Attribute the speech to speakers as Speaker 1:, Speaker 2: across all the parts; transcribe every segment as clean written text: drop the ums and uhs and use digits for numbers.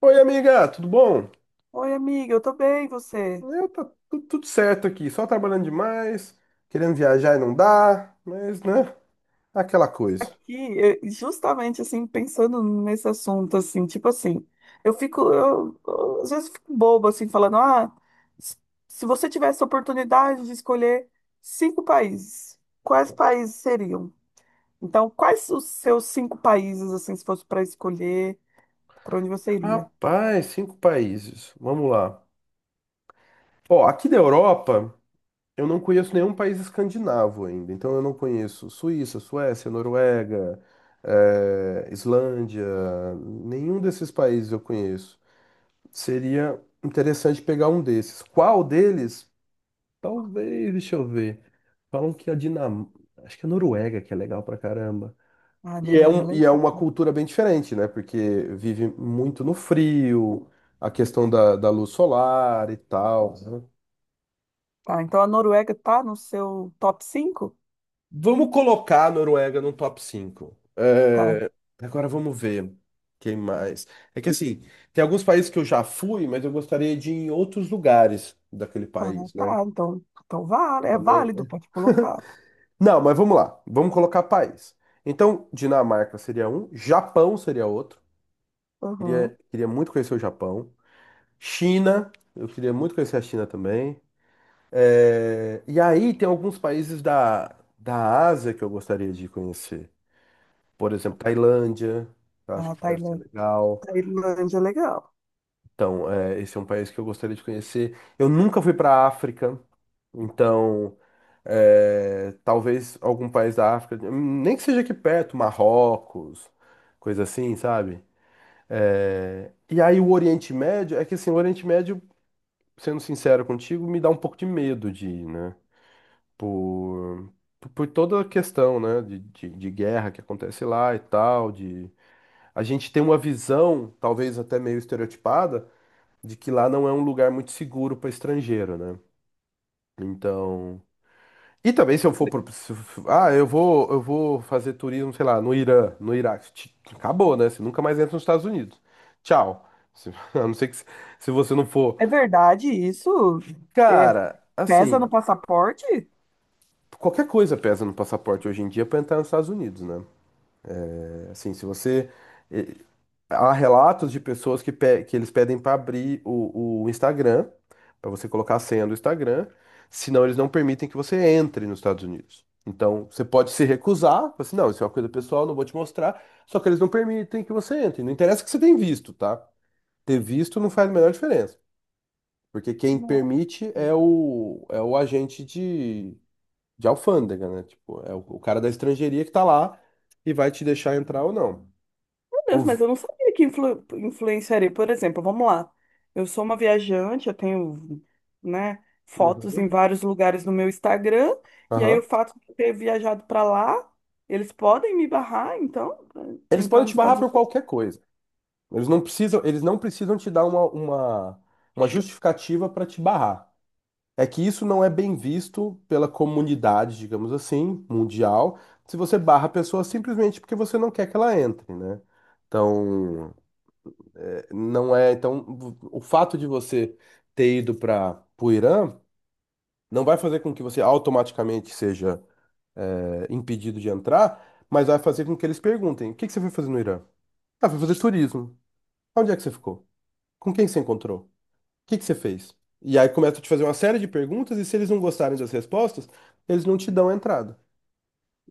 Speaker 1: Oi, amiga, tudo bom?
Speaker 2: Oi, amiga, eu tô bem, e você?
Speaker 1: Eu tá tudo certo aqui, só trabalhando demais, querendo viajar e não dá, mas né, aquela coisa.
Speaker 2: Aqui, justamente assim, pensando nesse assunto, assim, tipo assim, eu fico, eu, às vezes fico boba, assim, falando, ah, s- se você tivesse a oportunidade de escolher cinco países, quais países seriam? Então, quais os seus cinco países, assim, se fosse para escolher, para onde você iria?
Speaker 1: Rapaz, cinco países. Vamos lá. Ó, aqui da Europa, eu não conheço nenhum país escandinavo ainda, então eu não conheço Suíça, Suécia, Noruega, Islândia, nenhum desses países eu conheço. Seria interessante pegar um desses. Qual deles? Talvez, deixa eu ver. Falam que a Dinamarca, acho que a Noruega que é legal pra caramba.
Speaker 2: Ah,
Speaker 1: E é,
Speaker 2: Noruega,
Speaker 1: um, e
Speaker 2: legal.
Speaker 1: é uma cultura bem diferente, né? Porque vive muito no frio, a questão da luz solar e tal.
Speaker 2: Tá, então a Noruega tá no seu top cinco?
Speaker 1: Vamos colocar a Noruega no top 5.
Speaker 2: Tá,
Speaker 1: É, agora vamos ver quem mais. É que assim, tem alguns países que eu já fui, mas eu gostaria de ir em outros lugares daquele
Speaker 2: ah,
Speaker 1: país, né?
Speaker 2: tá, então vale, é
Speaker 1: Também.
Speaker 2: válido, pode colocar.
Speaker 1: Não, mas vamos lá. Vamos colocar país. Então, Dinamarca seria um, Japão seria outro. Queria muito conhecer o Japão. China, eu queria muito conhecer a China também. É, e aí tem alguns países da Ásia que eu gostaria de conhecer. Por exemplo, Tailândia, que eu acho
Speaker 2: Ah,
Speaker 1: que deve ser
Speaker 2: Tailândia,
Speaker 1: legal.
Speaker 2: Tailândia, é legal.
Speaker 1: Então, é, esse é um país que eu gostaria de conhecer. Eu nunca fui para a África, então é, talvez algum país da África, nem que seja aqui perto, Marrocos, coisa assim, sabe? É, e aí o Oriente Médio, é que assim, o Oriente Médio, sendo sincero contigo, me dá um pouco de medo de ir, né? Por, por toda a questão, né? De guerra que acontece lá e tal, de a gente tem uma visão, talvez até meio estereotipada, de que lá não é um lugar muito seguro para estrangeiro, né? Então. E também se eu for pro... se- Ah, eu vou fazer turismo, sei lá, no Irã, no Iraque. Acabou, né? Você nunca mais entra nos Estados Unidos. Tchau. A não ser que se você não for.
Speaker 2: É verdade isso? É,
Speaker 1: Cara,
Speaker 2: pesa no
Speaker 1: assim,
Speaker 2: passaporte?
Speaker 1: qualquer coisa pesa no passaporte hoje em dia para entrar nos Estados Unidos, né? É, assim, se você. Há relatos de pessoas que, que eles pedem para abrir o Instagram, para você colocar a senha do Instagram, senão eles não permitem que você entre nos Estados Unidos. Então, você pode se recusar, falar assim, não, isso é uma coisa pessoal, não vou te mostrar, só que eles não permitem que você entre. Não interessa que você tenha visto, tá? Ter visto não faz a menor diferença, porque quem
Speaker 2: Não.
Speaker 1: permite é
Speaker 2: Meu
Speaker 1: o, é o agente de alfândega, né? Tipo, é o cara da estrangeiria que tá lá e vai te deixar entrar ou não.
Speaker 2: Deus,
Speaker 1: Ouvi-
Speaker 2: mas eu não sabia que influenciaria. Por exemplo, vamos lá. Eu sou uma viajante, eu tenho, né, fotos
Speaker 1: Uhum.
Speaker 2: em vários lugares no meu Instagram, e aí o
Speaker 1: Aham.
Speaker 2: fato de eu ter viajado para lá, eles podem me barrar, então, de
Speaker 1: Eles
Speaker 2: entrar
Speaker 1: podem
Speaker 2: nos
Speaker 1: te barrar
Speaker 2: Estados
Speaker 1: por qualquer coisa. Eles não precisam te dar uma justificativa para te barrar. É que isso não é bem visto pela comunidade, digamos assim, mundial, se você barra a pessoa simplesmente porque você não quer que ela entre, né? Então, é, não é. Então, o fato de você ter ido para o Irã não vai fazer com que você automaticamente seja, é, impedido de entrar, mas vai fazer com que eles perguntem: o que que você foi fazer no Irã? Ah, foi fazer turismo. Onde é que você ficou? Com quem que você encontrou? O que que você fez? E aí começa a te fazer uma série de perguntas, e se eles não gostarem das respostas, eles não te dão a entrada.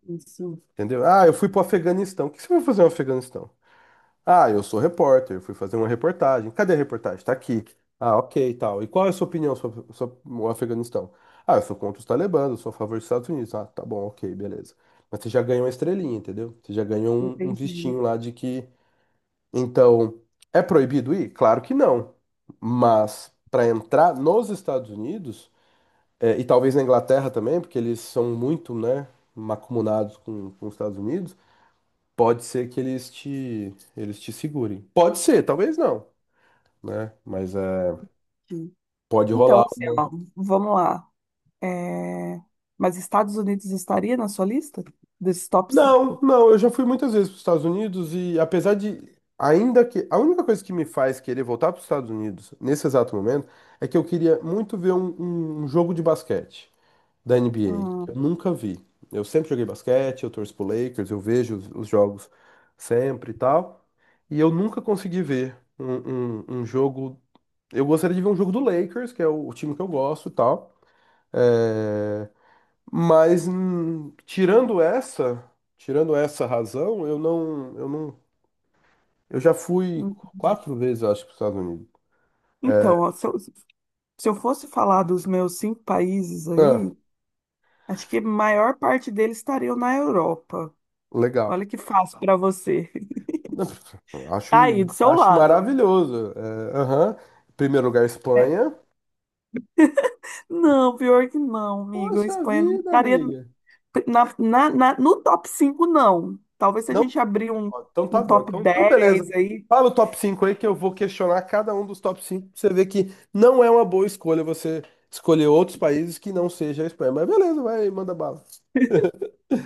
Speaker 2: Unidos. Isso,
Speaker 1: Entendeu? Ah, eu fui pro Afeganistão. O que você vai fazer no Afeganistão? Ah, eu sou repórter, eu fui fazer uma reportagem. Cadê a reportagem? Tá aqui. Ah, ok, e tal. E qual é a sua opinião sobre o Afeganistão? Ah, eu sou contra os talibãs, eu sou a favor dos Estados Unidos. Ah, tá bom, ok, beleza. Mas você já ganhou uma estrelinha, entendeu? Você já ganhou um
Speaker 2: entendi.
Speaker 1: vistinho lá de que. Então, é proibido ir? Claro que não. Mas para entrar nos Estados Unidos, é, e talvez na Inglaterra também, porque eles são muito, né, macumunados com os Estados Unidos, pode ser que eles te segurem. Pode ser, talvez não, né? Mas é,
Speaker 2: Entendi.
Speaker 1: pode
Speaker 2: Então,
Speaker 1: rolar
Speaker 2: assim, ó,
Speaker 1: uma-.
Speaker 2: vamos lá. É, mas Estados Unidos estaria na sua lista desses top
Speaker 1: Não,
Speaker 2: 5?
Speaker 1: não, eu já fui muitas vezes para os Estados Unidos e apesar de. Ainda que a única coisa que me faz querer voltar para os Estados Unidos nesse exato momento é que eu queria muito ver um jogo de basquete da
Speaker 2: Ah,
Speaker 1: NBA. Eu nunca vi. Eu sempre joguei basquete, eu torço pro Lakers, eu vejo os jogos sempre e tal. E eu nunca consegui ver um jogo. Eu gostaria de ver um jogo do Lakers, que é o time que eu gosto e tal. É, mas tirando essa razão, eu não, eu não, eu já fui
Speaker 2: entendi.
Speaker 1: quatro vezes, eu acho, para os Estados Unidos.
Speaker 2: Então, ó, se eu fosse falar dos meus cinco países
Speaker 1: Ah,
Speaker 2: aí, acho que a maior parte deles estariam na Europa.
Speaker 1: legal.
Speaker 2: Olha que fácil para você.
Speaker 1: Não,
Speaker 2: Tá aí,
Speaker 1: Acho,
Speaker 2: do seu
Speaker 1: acho
Speaker 2: lado,
Speaker 1: maravilhoso. É, aham. Primeiro lugar,
Speaker 2: ó. É.
Speaker 1: Espanha.
Speaker 2: Não, pior que não, amigo. A
Speaker 1: Poxa
Speaker 2: Espanha não
Speaker 1: vida,
Speaker 2: estaria
Speaker 1: amiga.
Speaker 2: no top 5 não. Talvez se a
Speaker 1: Não?
Speaker 2: gente abrir
Speaker 1: Ó, então tá
Speaker 2: um
Speaker 1: bom.
Speaker 2: top
Speaker 1: Então beleza.
Speaker 2: 10 aí.
Speaker 1: Fala o top 5 aí que eu vou questionar cada um dos top cinco, pra você ver que não é uma boa escolha você escolher outros países que não seja a Espanha. Mas beleza, vai, manda bala.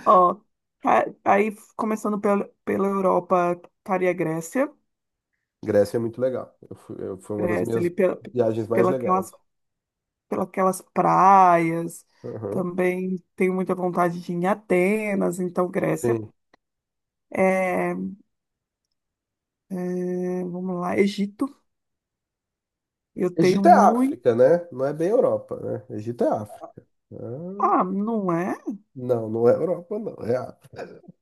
Speaker 2: Ó, começando pela Europa, estaria a Grécia,
Speaker 1: Grécia é muito legal. Foi uma das
Speaker 2: Grécia
Speaker 1: minhas
Speaker 2: ali
Speaker 1: viagens mais
Speaker 2: pela
Speaker 1: legais.
Speaker 2: aquelas, pela aquelas praias,
Speaker 1: Aham,
Speaker 2: também tenho muita vontade de ir em Atenas, então Grécia.
Speaker 1: sim.
Speaker 2: É, vamos lá, Egito, eu tenho
Speaker 1: Egito é
Speaker 2: muito,
Speaker 1: África, né? Não é bem Europa, né? Egito é África. Ah,
Speaker 2: ah, não é?
Speaker 1: não, não é Europa, não. É África.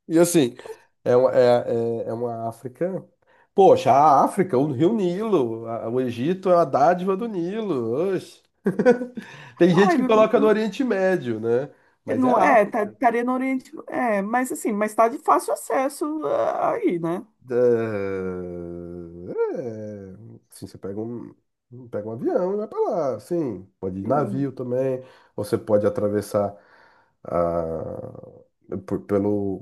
Speaker 1: E assim, é uma África. Poxa, a África, o Rio Nilo, o Egito é uma dádiva do Nilo. Oxe. Tem gente
Speaker 2: Ai,
Speaker 1: que coloca no Oriente Médio, né? Mas é a África.
Speaker 2: estaria no Oriente, é, mas assim, mas tá de fácil acesso ah, aí, né?
Speaker 1: É, assim, você pega um avião e vai pra lá. Assim, pode ir de
Speaker 2: Sim,
Speaker 1: navio também. Ou você pode atravessar a, por- pelo.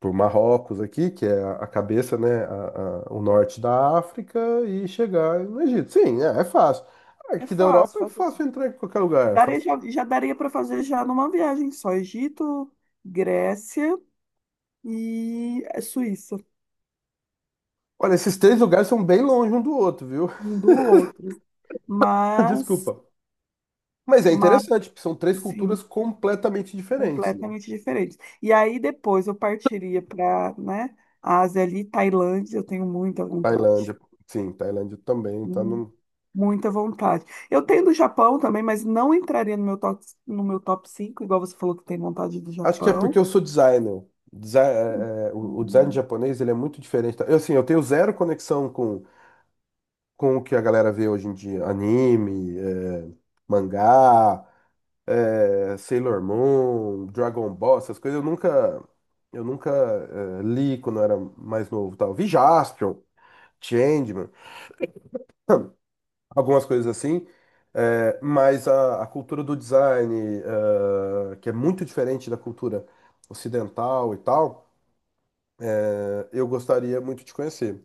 Speaker 1: Por Marrocos aqui, que é a cabeça, né, o norte da África, e chegar no Egito. Sim, é fácil.
Speaker 2: é
Speaker 1: Aqui da
Speaker 2: fácil,
Speaker 1: Europa é
Speaker 2: fácil.
Speaker 1: fácil entrar em qualquer lugar. É
Speaker 2: Daria,
Speaker 1: fácil.
Speaker 2: já, já daria para fazer já numa viagem só. Egito, Grécia e Suíça,
Speaker 1: Olha, esses três lugares são bem longe um do outro, viu?
Speaker 2: um do outro. Mas,
Speaker 1: Desculpa. Mas é
Speaker 2: mas
Speaker 1: interessante, porque são três
Speaker 2: sim,
Speaker 1: culturas completamente diferentes, né?
Speaker 2: completamente diferentes. E aí depois eu partiria para, né, Ásia ali, Tailândia, eu tenho muita vontade.
Speaker 1: Tailândia, sim, Tailândia também tá
Speaker 2: Hum,
Speaker 1: no...
Speaker 2: Muita vontade. Eu tenho do Japão também, mas não entraria no meu top 5 igual você falou que tem vontade do
Speaker 1: Acho que é porque
Speaker 2: Japão.
Speaker 1: eu sou designer. O design
Speaker 2: Hum.
Speaker 1: japonês, ele é muito diferente. Eu, assim, eu tenho zero conexão com o que a galera vê hoje em dia, anime, mangá, Sailor Moon, Dragon Ball, essas coisas eu nunca, li quando eu era mais novo, tal. Vi Jaspion, Changeman, algumas coisas assim, mas a cultura do design, que é muito diferente da cultura ocidental e tal, eu gostaria muito de conhecer.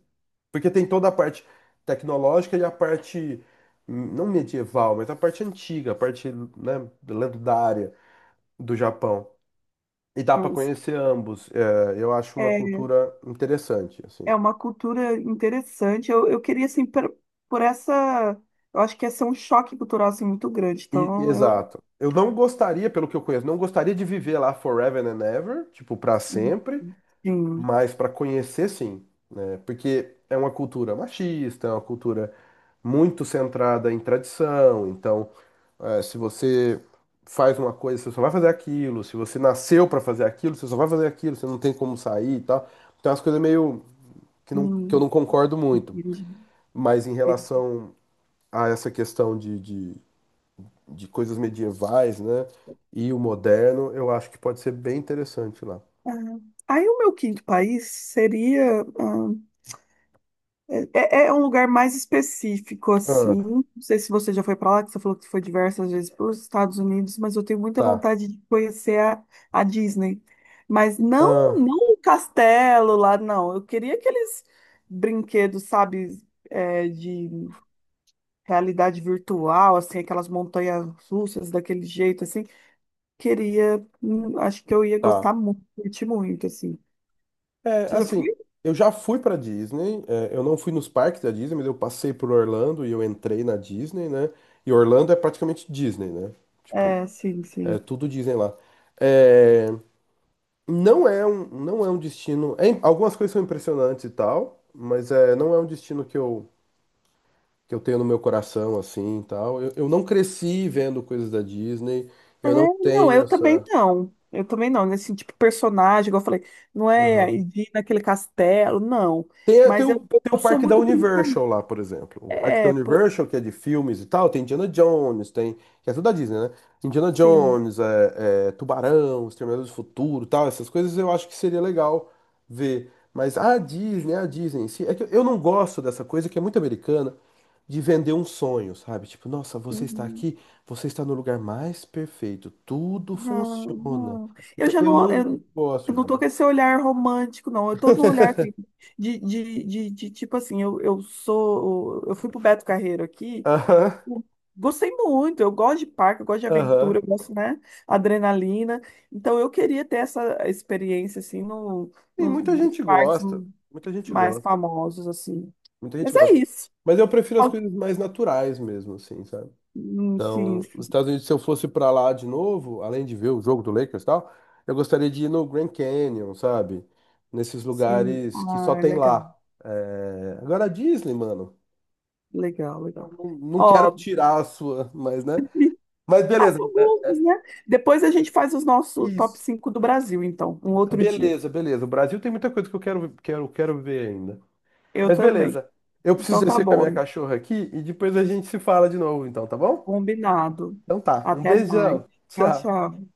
Speaker 1: Porque tem toda a parte tecnológica e a parte, não medieval, mas a parte antiga, a parte, né, lendária do Japão. E dá para
Speaker 2: Mas,
Speaker 1: conhecer ambos. É, eu acho uma
Speaker 2: é,
Speaker 1: cultura interessante, assim.
Speaker 2: é uma cultura interessante. Eu queria, assim, essa. Eu acho que ia ser um choque cultural assim, muito grande. Então, eu.
Speaker 1: Exato. Eu não gostaria, pelo que eu conheço, não gostaria de viver lá forever and ever, tipo, para sempre.
Speaker 2: Sim.
Speaker 1: Mas para conhecer, sim, né? Porque é uma cultura machista, é uma cultura muito centrada em tradição. Então, se você faz uma coisa, você só vai fazer aquilo. Se você nasceu para fazer aquilo, você só vai fazer aquilo. Você não tem como sair e tal. Então, as coisas meio que, não, que eu
Speaker 2: Hum,
Speaker 1: não concordo muito.
Speaker 2: entendi.
Speaker 1: Mas em relação a essa questão de coisas medievais, né? E o moderno, eu acho que pode ser bem interessante lá.
Speaker 2: Ah, aí, o meu quinto país seria. Ah, é um lugar mais específico,
Speaker 1: Ah,
Speaker 2: assim. Não sei se você já foi para lá, que você falou que foi diversas vezes para os Estados Unidos, mas eu tenho muita
Speaker 1: tá.
Speaker 2: vontade de conhecer a Disney. Mas não,
Speaker 1: Ah,
Speaker 2: não o castelo lá, não. Eu queria aqueles brinquedos, sabe, é, de realidade virtual, assim, aquelas montanhas russas daquele jeito, assim. Queria, acho que eu ia gostar
Speaker 1: tá.
Speaker 2: muito, curtir muito, assim.
Speaker 1: É,
Speaker 2: Você já foi?
Speaker 1: assim, eu já fui pra Disney, é, eu não fui nos parques da Disney, mas eu passei por Orlando e eu entrei na Disney, né? E Orlando é praticamente Disney, né? Tipo,
Speaker 2: É, sim,
Speaker 1: é
Speaker 2: sim.
Speaker 1: tudo Disney lá. É, não é um destino. Algumas coisas são impressionantes e tal, mas é, não é um destino que eu tenho no meu coração, assim, e tal. Eu não cresci vendo coisas da Disney,
Speaker 2: É,
Speaker 1: eu não
Speaker 2: não,
Speaker 1: tenho
Speaker 2: eu também
Speaker 1: essa.
Speaker 2: não. Eu também não, nesse tipo de personagem, igual eu falei, não é
Speaker 1: Aham.
Speaker 2: de ir naquele castelo, não.
Speaker 1: Tem, tem
Speaker 2: Mas
Speaker 1: o, tem o
Speaker 2: eu sou
Speaker 1: parque da
Speaker 2: muito brincadeira.
Speaker 1: Universal lá, por exemplo. O parque da
Speaker 2: É, pô,
Speaker 1: Universal, que é de filmes e tal, tem Indiana Jones, tem. Que é tudo da Disney, né? Indiana
Speaker 2: sim.
Speaker 1: Jones, é, Tubarão, Exterminador do Futuro, e tal, essas coisas eu acho que seria legal ver. Mas a Disney em si, é que eu não gosto dessa coisa que é muito americana de vender um sonho, sabe? Tipo, nossa, você está
Speaker 2: Uhum.
Speaker 1: aqui, você está no lugar mais perfeito, tudo
Speaker 2: Não,
Speaker 1: funciona.
Speaker 2: não. Eu
Speaker 1: Então,
Speaker 2: já
Speaker 1: eu
Speaker 2: não,
Speaker 1: não
Speaker 2: eu
Speaker 1: gosto
Speaker 2: não
Speaker 1: de.
Speaker 2: tô com esse olhar romântico, não. Eu tô num olhar assim, de tipo assim, eu sou. Eu fui pro Beto Carreiro aqui.
Speaker 1: Aham,
Speaker 2: Gostei muito, eu gosto de parque, eu gosto de
Speaker 1: aham.
Speaker 2: aventura, eu gosto, né, adrenalina. Então eu queria ter essa experiência assim no,
Speaker 1: Sim, muita
Speaker 2: nos
Speaker 1: gente
Speaker 2: parques
Speaker 1: gosta. Muita gente
Speaker 2: mais
Speaker 1: gosta.
Speaker 2: famosos assim.
Speaker 1: Muita gente
Speaker 2: Mas é
Speaker 1: gosta.
Speaker 2: isso.
Speaker 1: Mas eu prefiro as coisas mais naturais mesmo, assim, sabe?
Speaker 2: Sim,
Speaker 1: Então, nos
Speaker 2: sim,
Speaker 1: Estados Unidos, se eu fosse pra lá de novo, além de ver o jogo do Lakers e tal, eu gostaria de ir no Grand Canyon, sabe? Nesses
Speaker 2: sim.
Speaker 1: lugares que só
Speaker 2: Ah,
Speaker 1: tem
Speaker 2: legal,
Speaker 1: lá. É, agora a Disney, mano,
Speaker 2: legal,
Speaker 1: não,
Speaker 2: legal.
Speaker 1: não não quero
Speaker 2: Ó,
Speaker 1: tirar a sua, mas, né? Mas
Speaker 2: ah,
Speaker 1: beleza,
Speaker 2: são gostos, né? Depois a gente faz os nossos top
Speaker 1: isso.
Speaker 2: 5 do Brasil, então, um outro dia.
Speaker 1: Beleza, beleza. O Brasil tem muita coisa que eu quero, quero, quero ver ainda.
Speaker 2: Eu
Speaker 1: Mas
Speaker 2: também.
Speaker 1: beleza. Eu preciso
Speaker 2: Então tá
Speaker 1: descer com a minha
Speaker 2: bom,
Speaker 1: cachorra aqui e depois a gente se fala de novo, então, tá bom?
Speaker 2: combinado.
Speaker 1: Então tá. Um
Speaker 2: Até mais.
Speaker 1: beijão.
Speaker 2: Tchau,
Speaker 1: Tchau.
Speaker 2: tchau.